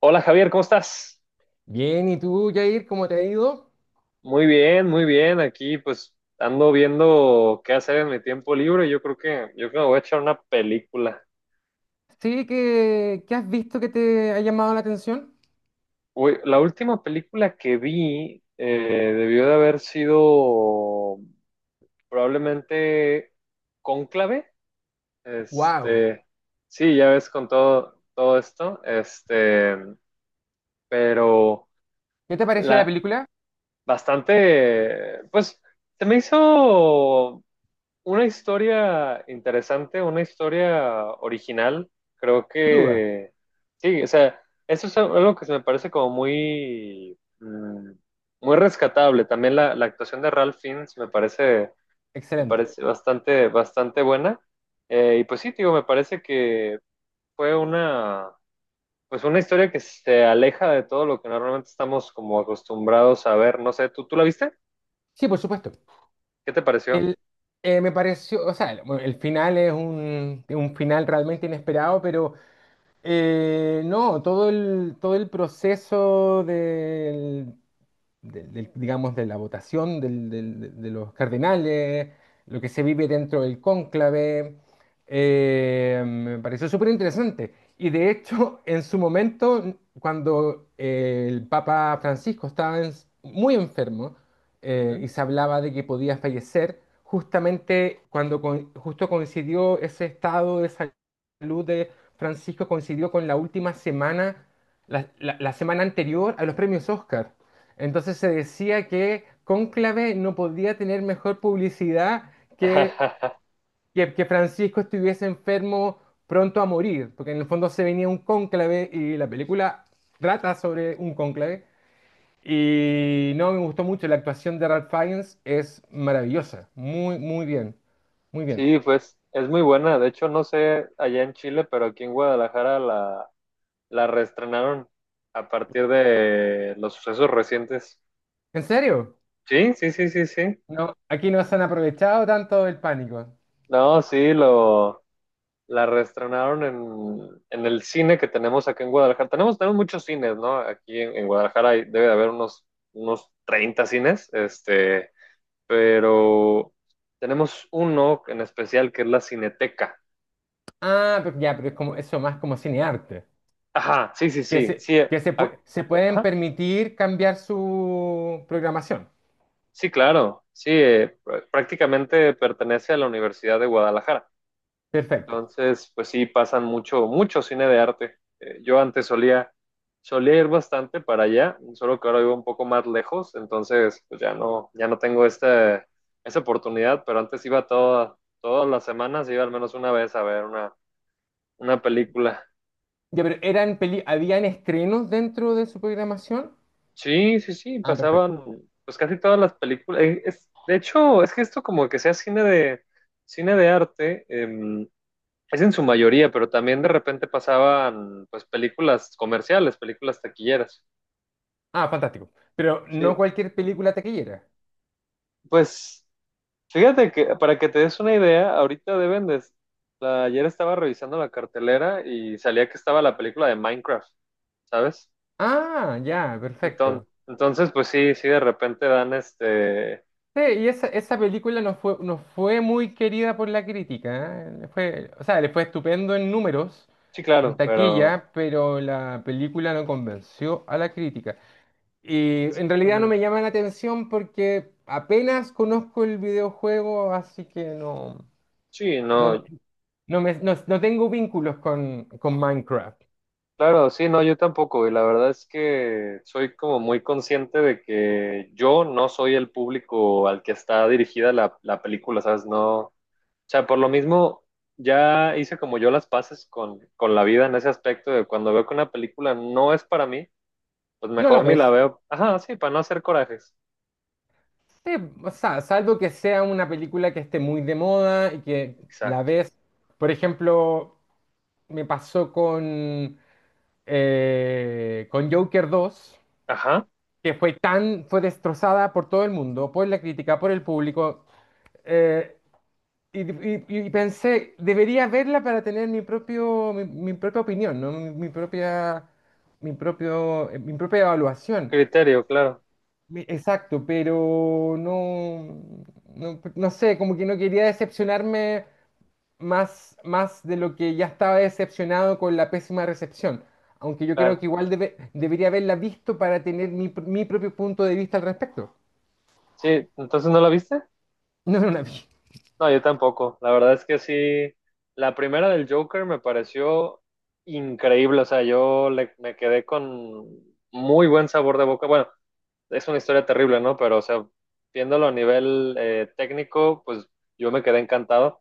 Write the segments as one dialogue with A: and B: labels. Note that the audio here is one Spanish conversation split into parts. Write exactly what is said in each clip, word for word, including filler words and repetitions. A: Hola Javier, ¿cómo estás?
B: Bien, ¿y tú, Jair, cómo te ha ido?
A: Muy bien, muy bien. Aquí pues ando viendo qué hacer en mi tiempo libre. Yo creo que, yo creo que me voy a echar una película.
B: Sí, ¿qué, qué has visto que te ha llamado la atención?
A: Uy, la última película que vi eh, debió de haber sido probablemente Cónclave.
B: ¡Wow!
A: Este, sí, ya ves con todo, todo esto. Este, pero
B: ¿Qué te pareció la
A: la
B: película?
A: bastante, pues se me hizo una historia interesante, una historia original, creo
B: Sin duda,
A: que sí. O sea, eso es algo que se me parece como muy, mm, muy rescatable. También la, la actuación de Ralph Fiennes me parece, me
B: excelente.
A: parece bastante, bastante buena. Eh, y pues sí, digo, me parece que fue una, pues una historia que se aleja de todo lo que normalmente estamos como acostumbrados a ver. No sé, ¿tú, tú la viste?
B: Sí, por supuesto.
A: ¿Qué te pareció?
B: El, eh, Me pareció, o sea, el, bueno, el final es un, un final realmente inesperado, pero eh, no, todo el, todo el proceso del del- del- digamos, de la votación del- del- de de los cardenales, lo que se vive dentro del cónclave. Eh, me pareció súper interesante. Y de hecho, en su momento, cuando eh, el Papa Francisco estaba en- muy enfermo, eh,
A: Ujú.
B: y se hablaba de que podía fallecer, justamente cuando con- justo coincidió ese estado de salud de Francisco, coincidió con la última semana, la la- la semana anterior a los premios Oscar. Entonces se decía que Cónclave no podía tener mejor publicidad que, que, que Francisco estuviese enfermo pronto a morir, porque en el fondo se venía un cónclave y la película trata sobre un cónclave. Y no, me gustó mucho, la actuación de Ralph Fiennes es maravillosa, muy, muy bien, muy bien.
A: Sí, pues es muy buena. De hecho, no sé allá en Chile, pero aquí en Guadalajara la, la reestrenaron a partir de los sucesos recientes.
B: ¿En serio?
A: Sí, sí, sí, sí, sí.
B: No, aquí no se han aprovechado tanto del pánico.
A: No, sí, lo, la reestrenaron en, en el cine que tenemos aquí en Guadalajara. Tenemos, tenemos muchos cines, ¿no? Aquí en, en Guadalajara hay- debe de haber unos, unos treinta cines, este, pero tenemos uno en especial que es la Cineteca.
B: Ah, pero ya, pero es como eso más como cinearte.
A: Ajá, sí, sí,
B: que
A: sí,
B: se,
A: sí.
B: que se,
A: ac-
B: pue- se pueden
A: Ajá.
B: permitir cambiar su programación.
A: Sí, claro, sí, eh, pr- prácticamente pertenece a la Universidad de Guadalajara.
B: Perfecto.
A: Entonces, pues sí, pasan mucho, mucho cine de arte. Eh, yo antes solía, solía ir bastante para allá, solo que ahora vivo un poco más lejos, entonces pues ya no, ya no tengo esta, esa oportunidad, pero antes iba toda, todas las semanas, iba al menos una vez a ver una, una película.
B: Ya, pero eran peli- ¿habían estrenos dentro de su programación?
A: Sí, sí, sí,
B: Ah, perfecto.
A: pasaban pues casi todas las películas. Eh, es- de hecho, es que esto como que sea cine de, cine de arte. eh, Es en su mayoría, pero también de repente pasaban pues películas comerciales, películas taquilleras.
B: Ah, fantástico. Pero no
A: Sí,
B: cualquier película taquillera.
A: pues fíjate que para que te des una idea, ahorita deben de... la- ayer estaba revisando la cartelera y salía que estaba la película de Minecraft, ¿sabes?
B: Ah, ya,
A: Enton-
B: perfecto.
A: Entonces, pues sí, sí, de repente dan este...
B: Sí, y esa, esa película no fue, no fue muy querida por la crítica, ¿eh? Le Fue, o sea, le fue estupendo en números,
A: Sí,
B: en
A: claro, pero...
B: taquilla, pero la película no convenció a la crítica. Y en realidad no
A: ujú.
B: me llama la atención porque apenas conozco el videojuego, así que no,
A: Sí,
B: no,
A: no,
B: no, me- no- no tengo vínculos con, con Minecraft.
A: claro, sí, no, yo tampoco, y la verdad es que soy como muy consciente de que yo no soy el público al que está dirigida la, la película, ¿sabes? No, o sea, por lo mismo, ya hice como yo las paces con, con la vida en ese aspecto de cuando veo que una película no es para mí, pues
B: ¿No la
A: mejor ni la
B: ves?
A: veo. Ajá, sí, para no hacer corajes.
B: Sí, o sea, salvo que sea una película que esté muy de moda y que la
A: Exacto.
B: ves. Por ejemplo, me pasó con, eh, con Joker dos,
A: Ajá,
B: que fue tan, fue destrozada por todo el mundo, por la crítica, por el público. eh, y, y- y pensé, debería verla para tener mi propio, mi, mi propia opinión, ¿no? Mi, mi propia, mi propio, eh, mi propia evaluación.
A: criterio, claro,
B: Mi- Exacto, pero no, no, no sé, como que no quería decepcionarme más, más de lo que ya estaba decepcionado con la pésima recepción. Aunque yo creo
A: claro.
B: que igual debe- debería haberla visto para tener mi, pr- mi propio punto de vista al respecto.
A: Sí, entonces ¿no la viste?
B: No, no la vi.
A: No, yo tampoco. La verdad es que sí, la primera del Joker me pareció increíble. O sea, yo le- me quedé con muy buen sabor de boca. Bueno, es una historia terrible, ¿no? Pero, o sea, viéndolo a nivel eh, técnico, pues yo me quedé encantado.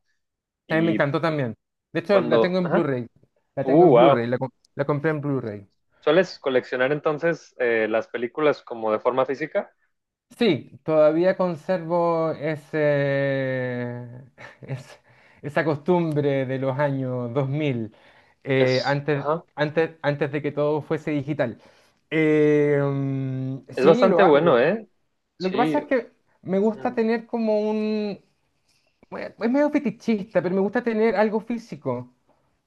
B: También me
A: Y
B: encantó también. De hecho, la tengo
A: cuando...
B: en
A: Ajá.
B: Blu-ray. La tengo
A: Uh,
B: en Blu-ray,
A: wow.
B: la, com- la compré en Blu-ray.
A: ¿Sueles coleccionar entonces eh, las películas como de forma física?
B: Sí, todavía conservo ese, es- esa costumbre de los años dos mil, eh,
A: Es...
B: antes,
A: Ajá.
B: antes, antes de que todo fuese digital. Eh, mm,
A: Es
B: sí, lo
A: bastante bueno,
B: hago.
A: ¿eh?
B: Lo que
A: Sí.
B: pasa es que me gusta
A: Ujú.
B: tener como un— Bueno, es medio fetichista, pero me gusta tener algo físico,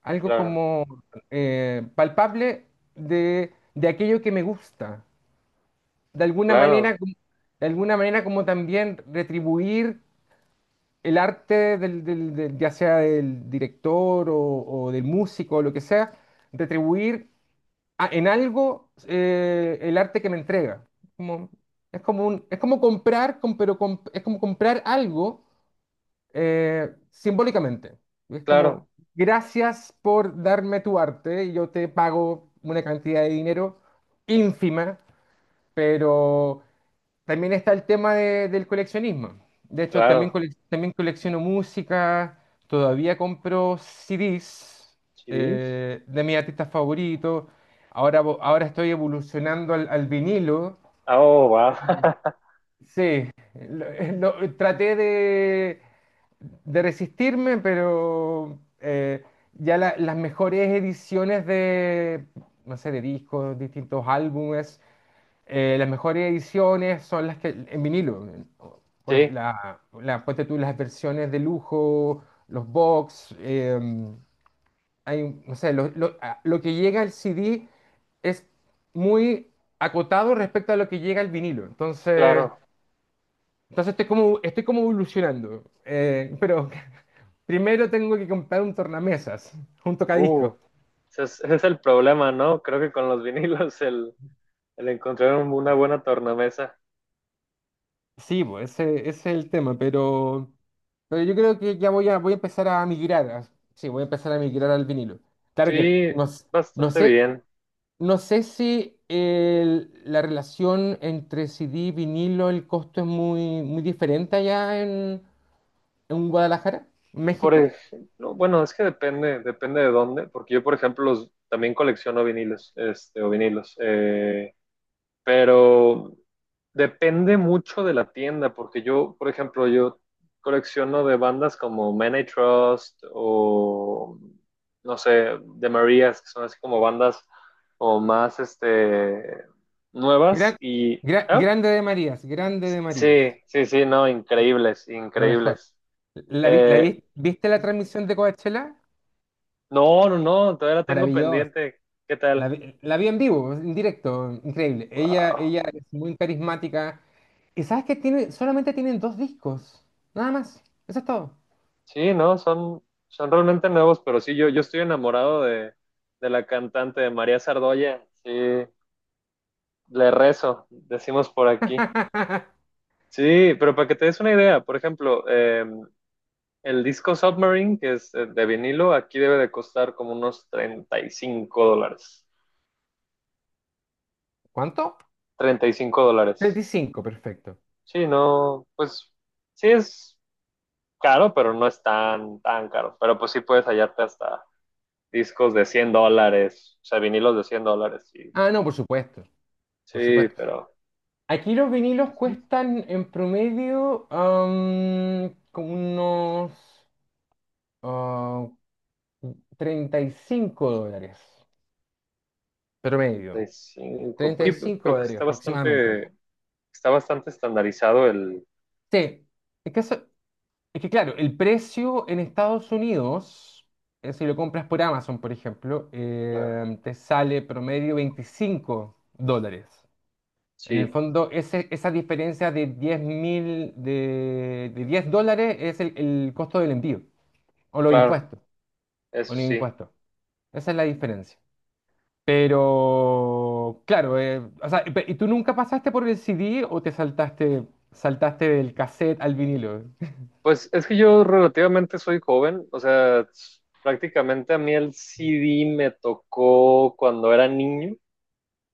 B: algo
A: Claro,
B: como eh, palpable de de aquello que me gusta de alguna
A: claro,
B: manera, como- de alguna manera, como también retribuir el arte del, del- del- ya sea del director o, o del músico o lo que sea, retribuir a- en algo eh, el arte que me entrega. Como, es como un- es como comprar, com- pero com es como comprar algo eh, simbólicamente. Es
A: claro,
B: como, gracias por darme tu arte, yo te pago una cantidad de dinero ínfima, pero también está el tema de- del coleccionismo. De hecho, también,
A: claro.
B: colec- también colecciono música, todavía compro C Ds
A: Chivis.
B: eh, de mis artistas favoritos. Ahora, vo- ahora estoy evolucionando al, al vinilo.
A: Oh, wow.
B: Sí, lo- eh, lo- traté de, de resistirme, pero eh, ya la- las mejores ediciones de, no sé, de discos, distintos álbumes, eh, las mejores ediciones son las que en vinilo. Por ej-
A: Sí,
B: la, la- ponte tú las versiones de lujo, los box, em, hay, un- no sé, lo, lo- a- lo que llega al C D es muy acotado respecto a lo que llega al vinilo. Entonces,
A: claro.
B: entonces estoy como, estoy como evolucionando. Eh, pero primero tengo que comprar un tornamesas, un tocadiscos.
A: Uh, ese es, ese es el problema, ¿no? Creo que con los vinilos el, el encontrar un- una buena tornamesa.
B: Sí, pues ese, ese es el tema, pero... Pero yo creo que ya voy a, voy a empezar a migrar. A- sí, voy a empezar a migrar al vinilo. Claro que
A: Sí,
B: no, s- no
A: bastante
B: sé,
A: bien.
B: no sé si el- la relación entre C D y vinilo, el costo es muy, muy diferente allá en, en Guadalajara, en
A: Por
B: México.
A: ejemplo, bueno, es que depende, depende de dónde, porque yo, por ejemplo, los, también colecciono vinilos, este, o vinilos. Eh, pero depende mucho de la tienda, porque yo, por ejemplo, yo colecciono de bandas como Man I Trust o, no sé, The Marías, que son así como bandas o más, este, nuevas
B: Gran-
A: y...
B: gra-
A: ah,
B: grande de Marías, grande de Marías.
A: sí, sí, sí, no, increíbles,
B: Lo mejor.
A: increíbles.
B: ¿La, vi- la
A: Eh,
B: vi- viste la transmisión de Coachella?
A: no, no, no, todavía la tengo
B: Maravilloso.
A: pendiente. ¿Qué
B: La,
A: tal?
B: vi la vi en vivo, en directo, increíble. Ella,
A: Wow.
B: ella es muy carismática. ¿Y sabes qué tiene? Solamente tienen dos discos. Nada más. Eso es todo.
A: Sí, no, son, son realmente nuevos, pero sí, yo, yo estoy enamorado de, de la cantante María Sardoya. Sí, le rezo, decimos por aquí. Sí, pero para que te des una idea, por ejemplo, eh, el disco Submarine, que es eh, de vinilo, aquí debe de costar como unos treinta y cinco dólares.
B: ¿Cuánto?
A: Treinta y cinco
B: Treinta
A: dólares.
B: y cinco, perfecto.
A: Sí, no, pues sí es caro, pero no es tan, tan caro. Pero pues sí puedes hallarte hasta discos de cien dólares, o sea, vinilos de cien dólares y
B: Ah, no, por supuesto. Por
A: sí,
B: supuesto.
A: pero
B: Aquí los vinilos cuestan en promedio am, como unos ah, treinta y cinco dólares. Promedio.
A: sesenta y cinco,
B: treinta
A: pues,
B: y
A: sí,
B: cinco
A: creo que
B: dólares
A: está
B: aproximadamente.
A: bastante, está bastante estandarizado el...
B: Sí, es que, eso- es que claro, el precio en Estados Unidos, eh, si lo compras por Amazon, por ejemplo,
A: Claro.
B: eh, te sale promedio veinticinco dólares. En el
A: Sí,
B: fondo, ese, esa diferencia de diez mil, de, de diez dólares es el, el costo del envío, o los
A: claro,
B: impuestos, o
A: eso
B: los
A: sí.
B: impuestos. Esa es la diferencia. Pero, claro, eh, o sea, pe- ¿y tú nunca pasaste por el C D o te saltaste, saltaste del cassette al vinilo?
A: Pues es que yo relativamente soy joven, o sea, prácticamente a mí el C D me tocó cuando era niño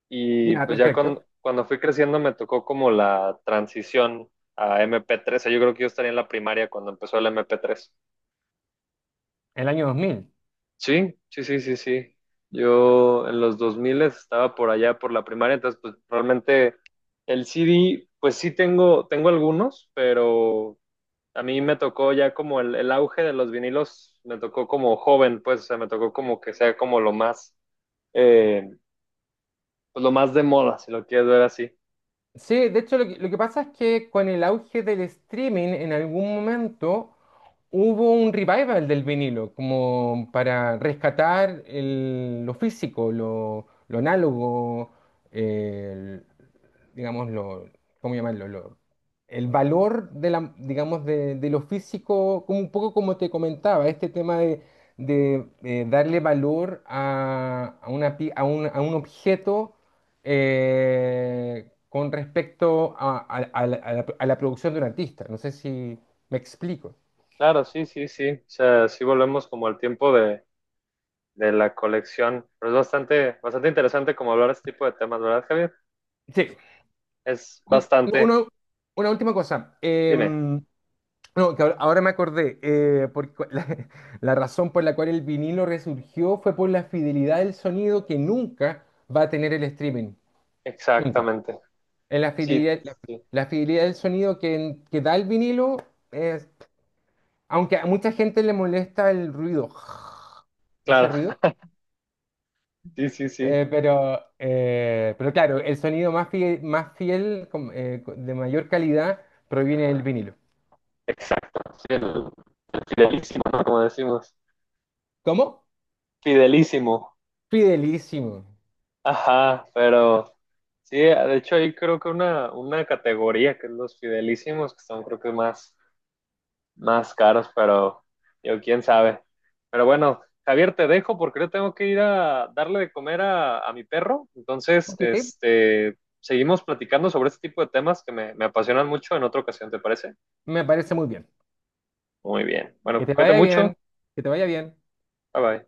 A: y
B: Ya,
A: pues ya
B: perfecto.
A: cuando, cuando fui creciendo me tocó como la transición a M P tres, o sea, yo creo que yo estaría en la primaria cuando empezó el M P tres.
B: El año dos mil.
A: Sí, sí, sí, sí, sí. Yo en los dos mil estaba por allá por la primaria, entonces pues realmente el C D, pues sí tengo, tengo algunos, pero a mí me tocó ya como el, el auge de los vinilos, me tocó como joven, pues, o sea, me tocó como que sea como lo más, eh, pues lo más de moda, si lo quieres ver así.
B: Sí, de hecho lo que, lo que pasa es que con el auge del streaming en algún momento hubo un revival del vinilo, como para rescatar el- lo físico, lo, lo análogo, el- digamos, lo, ¿cómo llamarlo? Lo- el valor de la, digamos, de, de lo físico, como un poco como te comentaba, este tema de, de, eh, darle valor a, a una, pi- a un, a un objeto eh, con respecto a, a- a la, a la- a la producción de un artista. No sé si me explico.
A: Claro, sí, sí, sí, o sea, sí volvemos como al tiempo de, de la colección, pero es bastante, bastante interesante como hablar este tipo de temas, ¿verdad, Javier?
B: Sí.
A: Es
B: Oye,
A: bastante,
B: uno- una última cosa. Eh,
A: dime.
B: no, que ahora ahora me acordé, eh, porque la, la razón por la cual el vinilo resurgió fue por la fidelidad del sonido que nunca va a tener el streaming. Nunca.
A: Exactamente.
B: Es la
A: Sí,
B: fidelidad, la,
A: sí,
B: la fidelidad del sonido que, que da el vinilo, es, aunque a mucha gente le molesta el ruido, ese
A: claro.
B: ruido.
A: Sí, sí, sí.
B: Eh, pero, eh, pero claro, el sonido más fiel, más fiel com- eh, co- de mayor calidad proviene del vinilo.
A: Exacto. Sí, el, el fidelísimo, ¿no? Como decimos.
B: ¿Cómo?
A: Fidelísimo.
B: Fidelísimo.
A: Ajá, pero sí, de hecho hay creo que una, una categoría que es los fidelísimos, que son creo que más, más caros, pero yo quién sabe. Pero bueno, Javier, te dejo porque yo tengo que ir a darle de comer a, a mi perro. Entonces,
B: Ok,
A: este, seguimos platicando sobre este tipo de temas que me, me apasionan mucho en otra ocasión, ¿te parece?
B: me parece muy bien.
A: Muy bien.
B: Que
A: Bueno,
B: te
A: cuídate
B: vaya bien,
A: mucho.
B: que te vaya bien.
A: Bye bye.